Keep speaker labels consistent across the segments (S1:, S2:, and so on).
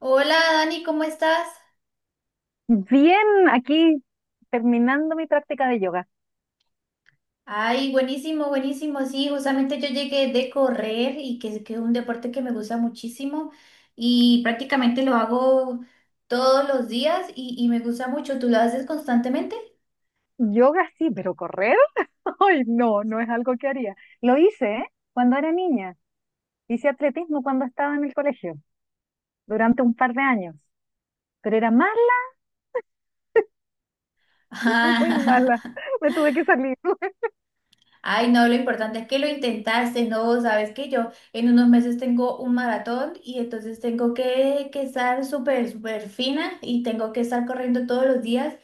S1: Hola Dani, ¿cómo estás?
S2: Bien, aquí terminando mi práctica de yoga.
S1: Ay, buenísimo, buenísimo. Sí, justamente yo llegué de correr y que es un deporte que me gusta muchísimo y prácticamente lo hago todos los días y me gusta mucho. ¿Tú lo haces constantemente?
S2: Yoga sí, pero correr, ay, no, no es algo que haría. Lo hice, ¿eh?, cuando era niña. Hice atletismo cuando estaba en el colegio, durante un par de años. Pero era mala, muy mala. Me tuve que salir.
S1: Ay, no, lo importante es que lo intentaste, no, sabes que yo en unos meses tengo un maratón y entonces tengo que estar súper, súper fina y tengo que estar corriendo todos los días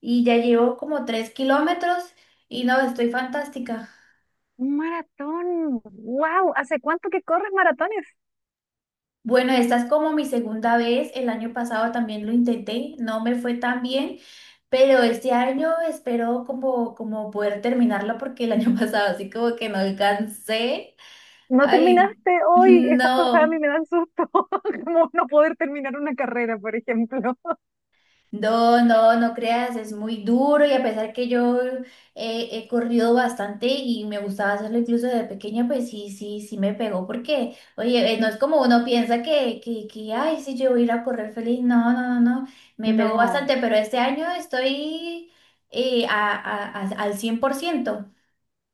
S1: y ya llevo como 3 kilómetros y no, estoy fantástica.
S2: Un maratón. ¡Wow! ¿Hace cuánto que corres maratones?
S1: Bueno, esta es como mi segunda vez, el año pasado también lo intenté, no me fue tan bien, pero este año espero como poder terminarlo porque el año pasado así como que no alcancé.
S2: No
S1: Ay,
S2: terminaste hoy. Esas cosas a mí
S1: no.
S2: me dan susto. Como no poder terminar una carrera, por ejemplo.
S1: No, no, no creas, es muy duro y a pesar que yo he corrido bastante y me gustaba hacerlo incluso desde pequeña, pues sí, sí, sí me pegó porque, oye, no es como uno piensa que, ay, sí, yo voy a ir a correr feliz, no, no, no, no, me pegó
S2: No.
S1: bastante, pero este año estoy al 100%.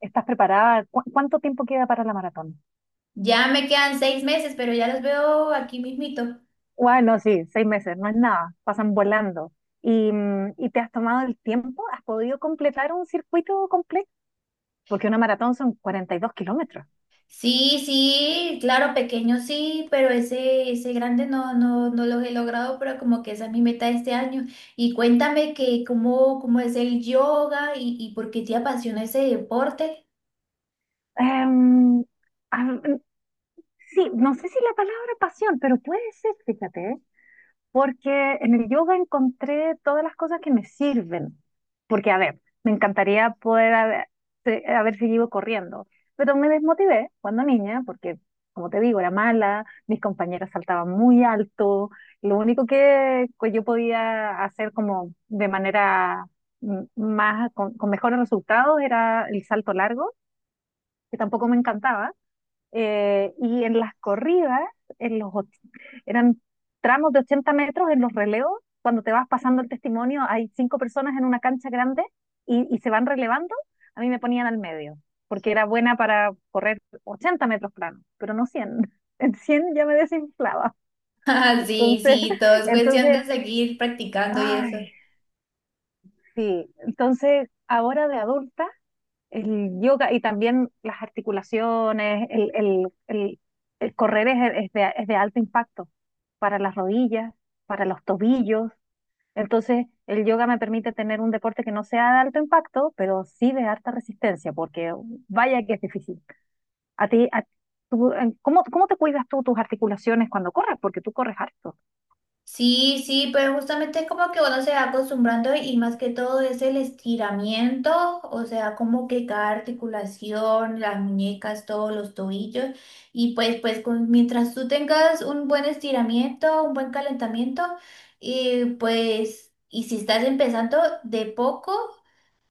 S2: ¿Estás preparada? ¿Cuánto tiempo queda para la maratón?
S1: Ya me quedan 6 meses, pero ya los veo aquí mismito.
S2: Bueno, sí, 6 meses, no es nada, pasan volando. ¿Y te has tomado el tiempo? ¿Has podido completar un circuito completo? Porque una maratón son 42 kilómetros.
S1: Sí, sí, claro, pequeño sí, pero ese grande no, no, no los he logrado, pero como que esa es mi meta de este año. Y cuéntame que cómo, cómo es el yoga y por qué te apasiona ese deporte.
S2: Em, a- sí, no sé si la palabra pasión, pero puede ser, fíjate, ¿eh? Porque en el yoga encontré todas las cosas que me sirven. Porque, a ver, me encantaría poder haber seguido corriendo, pero me desmotivé cuando niña, porque, como te digo, era mala, mis compañeras saltaban muy alto, lo único que yo podía hacer como de manera más, con mejores resultados era el salto largo, que tampoco me encantaba. Y en las corridas, en los, och- eran tramos de 80 metros en los relevos, cuando te vas pasando el testimonio, hay cinco personas en una cancha grande y se van relevando, a mí me ponían al medio, porque era buena para correr 80 metros planos pero no 100. En 100 ya me desinflaba.
S1: Ah, sí,
S2: Entonces,
S1: sí, todo es cuestión de
S2: entonces,
S1: seguir practicando y eso.
S2: ay, sí, entonces ahora de adulta, el yoga y también las articulaciones, el correr es de alto impacto para las rodillas, para los tobillos. Entonces, el yoga me permite tener un deporte que no sea de alto impacto, pero sí de harta resistencia, porque vaya que es difícil. A ti, a- tú, en- ¿cómo, cómo te cuidas tú tus articulaciones cuando corres? Porque tú corres harto.
S1: Sí, sí, pero justamente es como que uno se va acostumbrando y más que todo es el estiramiento, o sea, como que cada articulación, las muñecas, todos los tobillos, mientras tú tengas un buen estiramiento, un buen calentamiento, y pues, y si estás empezando de poco,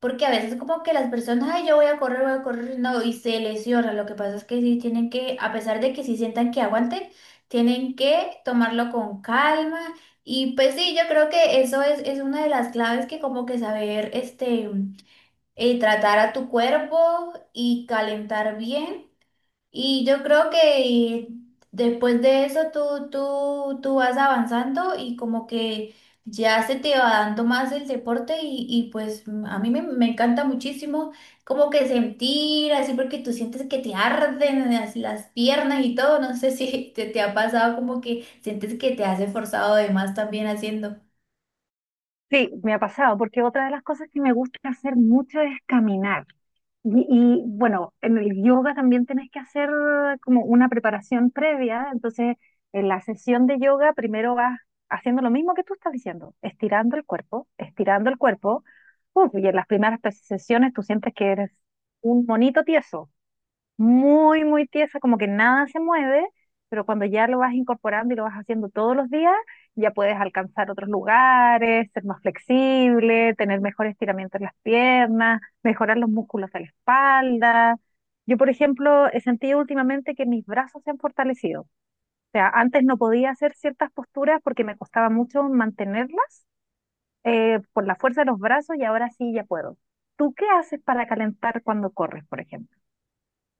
S1: porque a veces como que las personas, ay, yo voy a correr, no, y se lesionan. Lo que pasa es que sí tienen que, a pesar de que sí sientan que aguanten, tienen que tomarlo con calma. Y pues sí, yo creo que es una de las claves que como que saber, tratar a tu cuerpo y calentar bien y yo creo que después de eso tú vas avanzando y como que ya se te va dando más el deporte y a mí me encanta muchísimo como que sentir así porque tú sientes que te arden las piernas y todo. No sé si te ha pasado como que sientes que te has esforzado de más también haciendo.
S2: Sí, me ha pasado, porque otra de las cosas que me gusta hacer mucho es caminar. Y, bueno, en el yoga también tenés que hacer como una preparación previa. Entonces, en la sesión de yoga primero vas haciendo lo mismo que tú estás diciendo, estirando el cuerpo, estirando el cuerpo. Uf, y en las primeras sesiones tú sientes que eres un monito tieso, muy, muy tiesa, como que nada se mueve, pero cuando ya lo vas incorporando y lo vas haciendo todos los días, ya puedes alcanzar otros lugares, ser más flexible, tener mejor estiramiento en las piernas, mejorar los músculos de la espalda. Yo, por ejemplo, he sentido últimamente que mis brazos se han fortalecido. O sea, antes no podía hacer ciertas posturas porque me costaba mucho mantenerlas por la fuerza de los brazos, y ahora sí ya puedo. ¿Tú qué haces para calentar cuando corres, por ejemplo?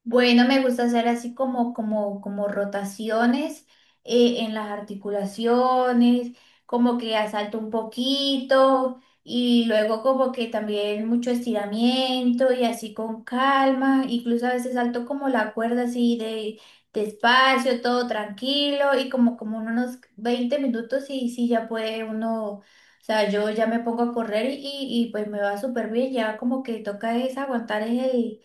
S1: Bueno, me gusta hacer así como rotaciones en las articulaciones, como que asalto un poquito y luego como que también mucho estiramiento y así con calma, incluso a veces salto como la cuerda así de despacio, todo tranquilo y como en unos 20 minutos y sí ya puede uno, o sea, yo ya me pongo a correr y pues me va súper bien, ya como que toca es aguantar el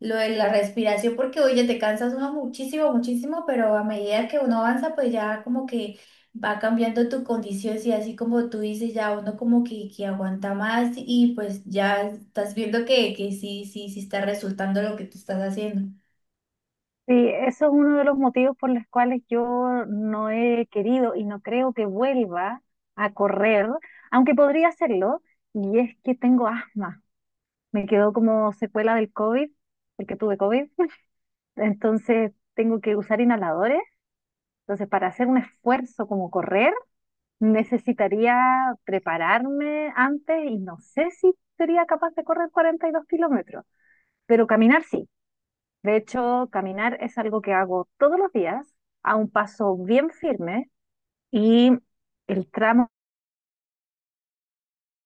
S1: lo de la respiración, porque oye, te cansas uno muchísimo, muchísimo, pero a medida que uno avanza, pues ya como que va cambiando tu condición, y así como tú dices, ya uno como que aguanta más y pues ya estás viendo que sí, sí, sí está resultando lo que tú estás haciendo.
S2: Sí, eso es uno de los motivos por los cuales yo no he querido y no creo que vuelva a correr, aunque podría hacerlo, y es que tengo asma. Me quedó como secuela del COVID, porque tuve COVID, entonces tengo que usar inhaladores. Entonces, para hacer un esfuerzo como correr, necesitaría prepararme antes y no sé si sería capaz de correr 42 kilómetros, pero caminar sí. De hecho, caminar es algo que hago todos los días a un paso bien firme y el tramo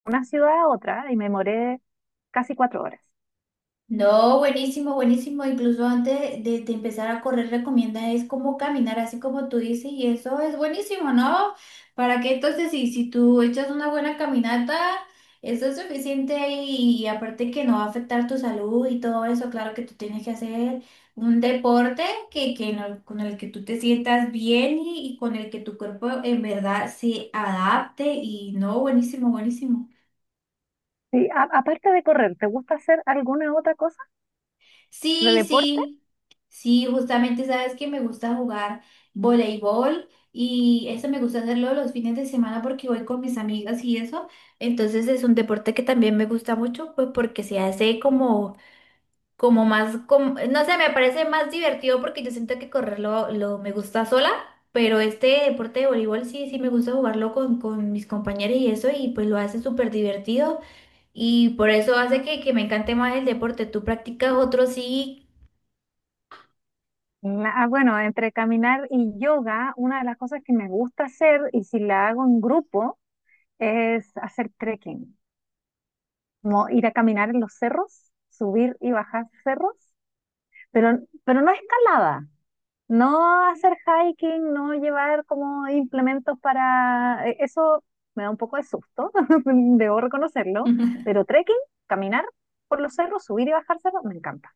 S2: de una ciudad a otra, y me demoré casi 4 horas.
S1: No, buenísimo, buenísimo. Incluso antes de empezar a correr, recomienda es como caminar, así como tú dices, y eso es buenísimo, ¿no? Para que entonces, si tú echas una buena caminata, eso es suficiente y aparte que no va a afectar tu salud y todo eso, claro que tú tienes que hacer un deporte que no- con el que tú te sientas bien y con el que tu cuerpo en verdad se adapte y no, buenísimo, buenísimo.
S2: Sí, aparte de correr, ¿te gusta hacer alguna otra cosa de
S1: Sí,
S2: deporte?
S1: sí, sí, justamente sabes que me gusta jugar voleibol y eso me gusta hacerlo los fines de semana porque voy con mis amigas y eso. Entonces es un deporte que también me gusta mucho, pues porque se hace no sé, me parece más divertido porque yo siento que me gusta sola, pero este deporte de voleibol sí, sí me gusta jugarlo con mis compañeros y eso y pues lo hace súper divertido y por eso hace que me encante más el deporte. ¿Tú practicas otro sí?
S2: Bueno, entre caminar y yoga, una de las cosas que me gusta hacer y si la hago en grupo es hacer trekking, como ir a caminar en los cerros, subir y bajar cerros, pero, pero no escalada. No hacer hiking, no llevar como implementos Eso me da un poco de susto, debo reconocerlo, pero trekking, caminar por los cerros, subir y bajar cerros, me encanta.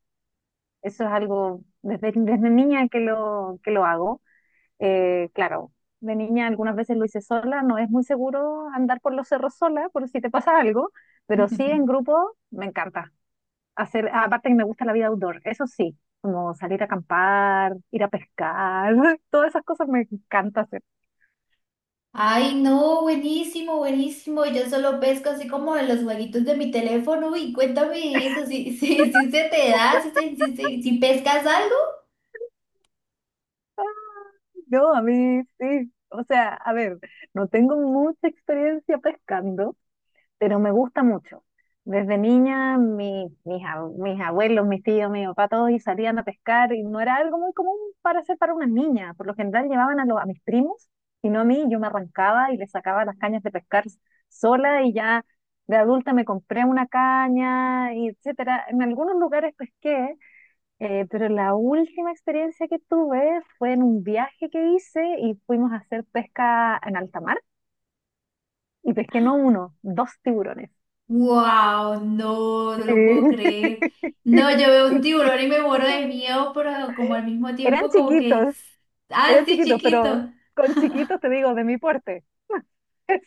S2: Eso es algo desde, desde niña que lo hago. Claro, de niña algunas veces lo hice sola, no es muy seguro andar por los cerros sola por si te pasa algo, pero sí en grupo me encanta hacer, aparte que me gusta la vida outdoor, eso sí, como salir a acampar, ir a pescar, todas esas cosas me encanta hacer.
S1: Ay, no, buenísimo, buenísimo. Yo solo pesco así como en los jueguitos de mi teléfono. Y cuéntame eso, si, si, si se te da, si, se- si, se- si pescas algo.
S2: A mí, sí, o sea, a ver, no tengo mucha experiencia pescando, pero me gusta mucho. Desde niña, mis abuelos, mis tíos, mi papá, todos y salían a pescar y no era algo muy común para hacer para una niña. Por lo general llevaban a mis primos y no a mí. Yo me arrancaba y les sacaba las cañas de pescar sola y ya de adulta me compré una caña, y etcétera. En algunos lugares pesqué, pero la última experiencia que tuve fue en un viaje que hice y fuimos a hacer pesca en alta mar y pesqué no uno, dos tiburones.
S1: ¡Wow! No, no lo puedo
S2: Sí.
S1: creer. No, yo veo un tiburón y me muero de miedo, pero como al mismo
S2: Eran
S1: tiempo, como que,
S2: chiquitos,
S1: ah,
S2: eran
S1: sí,
S2: chiquitos,
S1: chiquito.
S2: pero con chiquitos te digo, de mi porte. Es-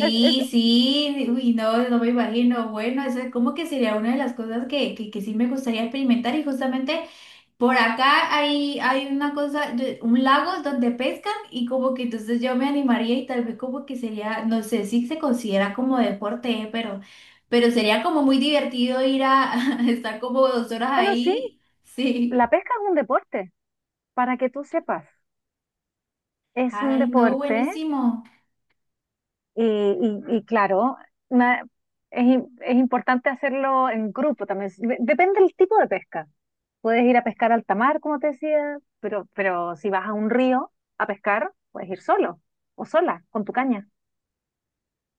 S2: es- es-
S1: sí, uy, no, no me imagino. Bueno, eso es como que sería una de las cosas que sí me gustaría experimentar y justamente. Por acá hay una cosa, de- un lago donde pescan y como que entonces yo me animaría y tal vez como que sería, no sé si se considera como deporte, ¿eh? Pero sería como muy divertido ir a, estar como 2 horas
S2: Bueno, sí,
S1: ahí. Sí.
S2: la pesca es un deporte, para que tú sepas. Es un
S1: Ay, no,
S2: deporte
S1: buenísimo.
S2: y claro, na- es importante hacerlo en grupo también. Si, De- Depende del tipo de pesca. Puedes ir a pescar a alta mar, como te decía, pero si vas a un río a pescar, puedes ir solo o sola, con tu caña.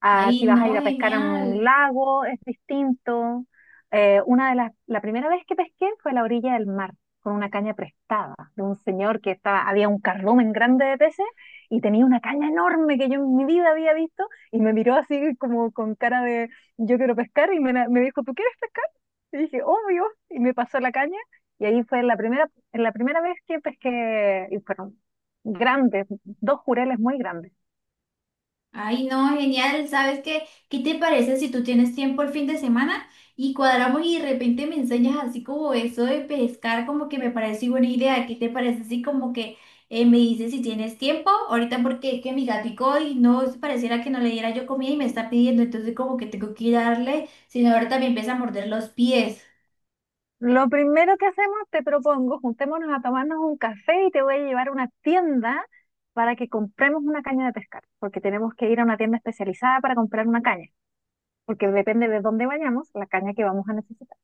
S2: A
S1: Ay,
S2: Si vas a
S1: no,
S2: ir a pescar en un
S1: genial.
S2: lago, es distinto. La primera vez que pesqué fue a la orilla del mar, con una caña prestada de un señor que estaba, había un cardumen grande de peces y tenía una caña enorme que yo en mi vida había visto y me miró así como con cara de yo quiero pescar y me dijo, ¿tú quieres pescar? Y dije, obvio, y me pasó la caña y ahí fue la primera vez que pesqué y fueron grandes, dos jureles muy grandes.
S1: Ay, no, genial. ¿Sabes qué? ¿Qué te parece si tú tienes tiempo el fin de semana y cuadramos y de repente me enseñas así como eso de pescar, como que me parece buena idea? ¿Qué te parece así como que me dices si tienes tiempo? Ahorita porque es que mi gatico y no pareciera que no le diera yo comida y me está pidiendo, entonces como que tengo que ir a darle, sino ahorita me empieza a morder los pies.
S2: Lo primero que hacemos, te propongo, juntémonos a tomarnos un café y te voy a llevar a una tienda para que compremos una caña de pescar, porque tenemos que ir a una tienda especializada para comprar una caña, porque depende de dónde vayamos, la caña que vamos a necesitar.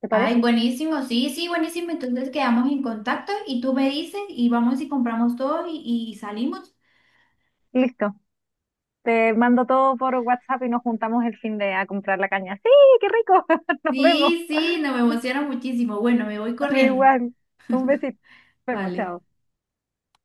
S2: ¿Te
S1: Ay,
S2: parece?
S1: buenísimo, sí, sí, buenísimo. Entonces quedamos en contacto y tú me dices y vamos y compramos todo y salimos.
S2: Listo. Te mando todo por WhatsApp y nos juntamos el fin de a comprar la caña. ¡Sí, qué rico! Nos vemos.
S1: Sí, sí, no me emociona muchísimo. Bueno, me voy
S2: A mí
S1: corriendo.
S2: igual. Un besito. Nos vemos,
S1: Vale.
S2: chao.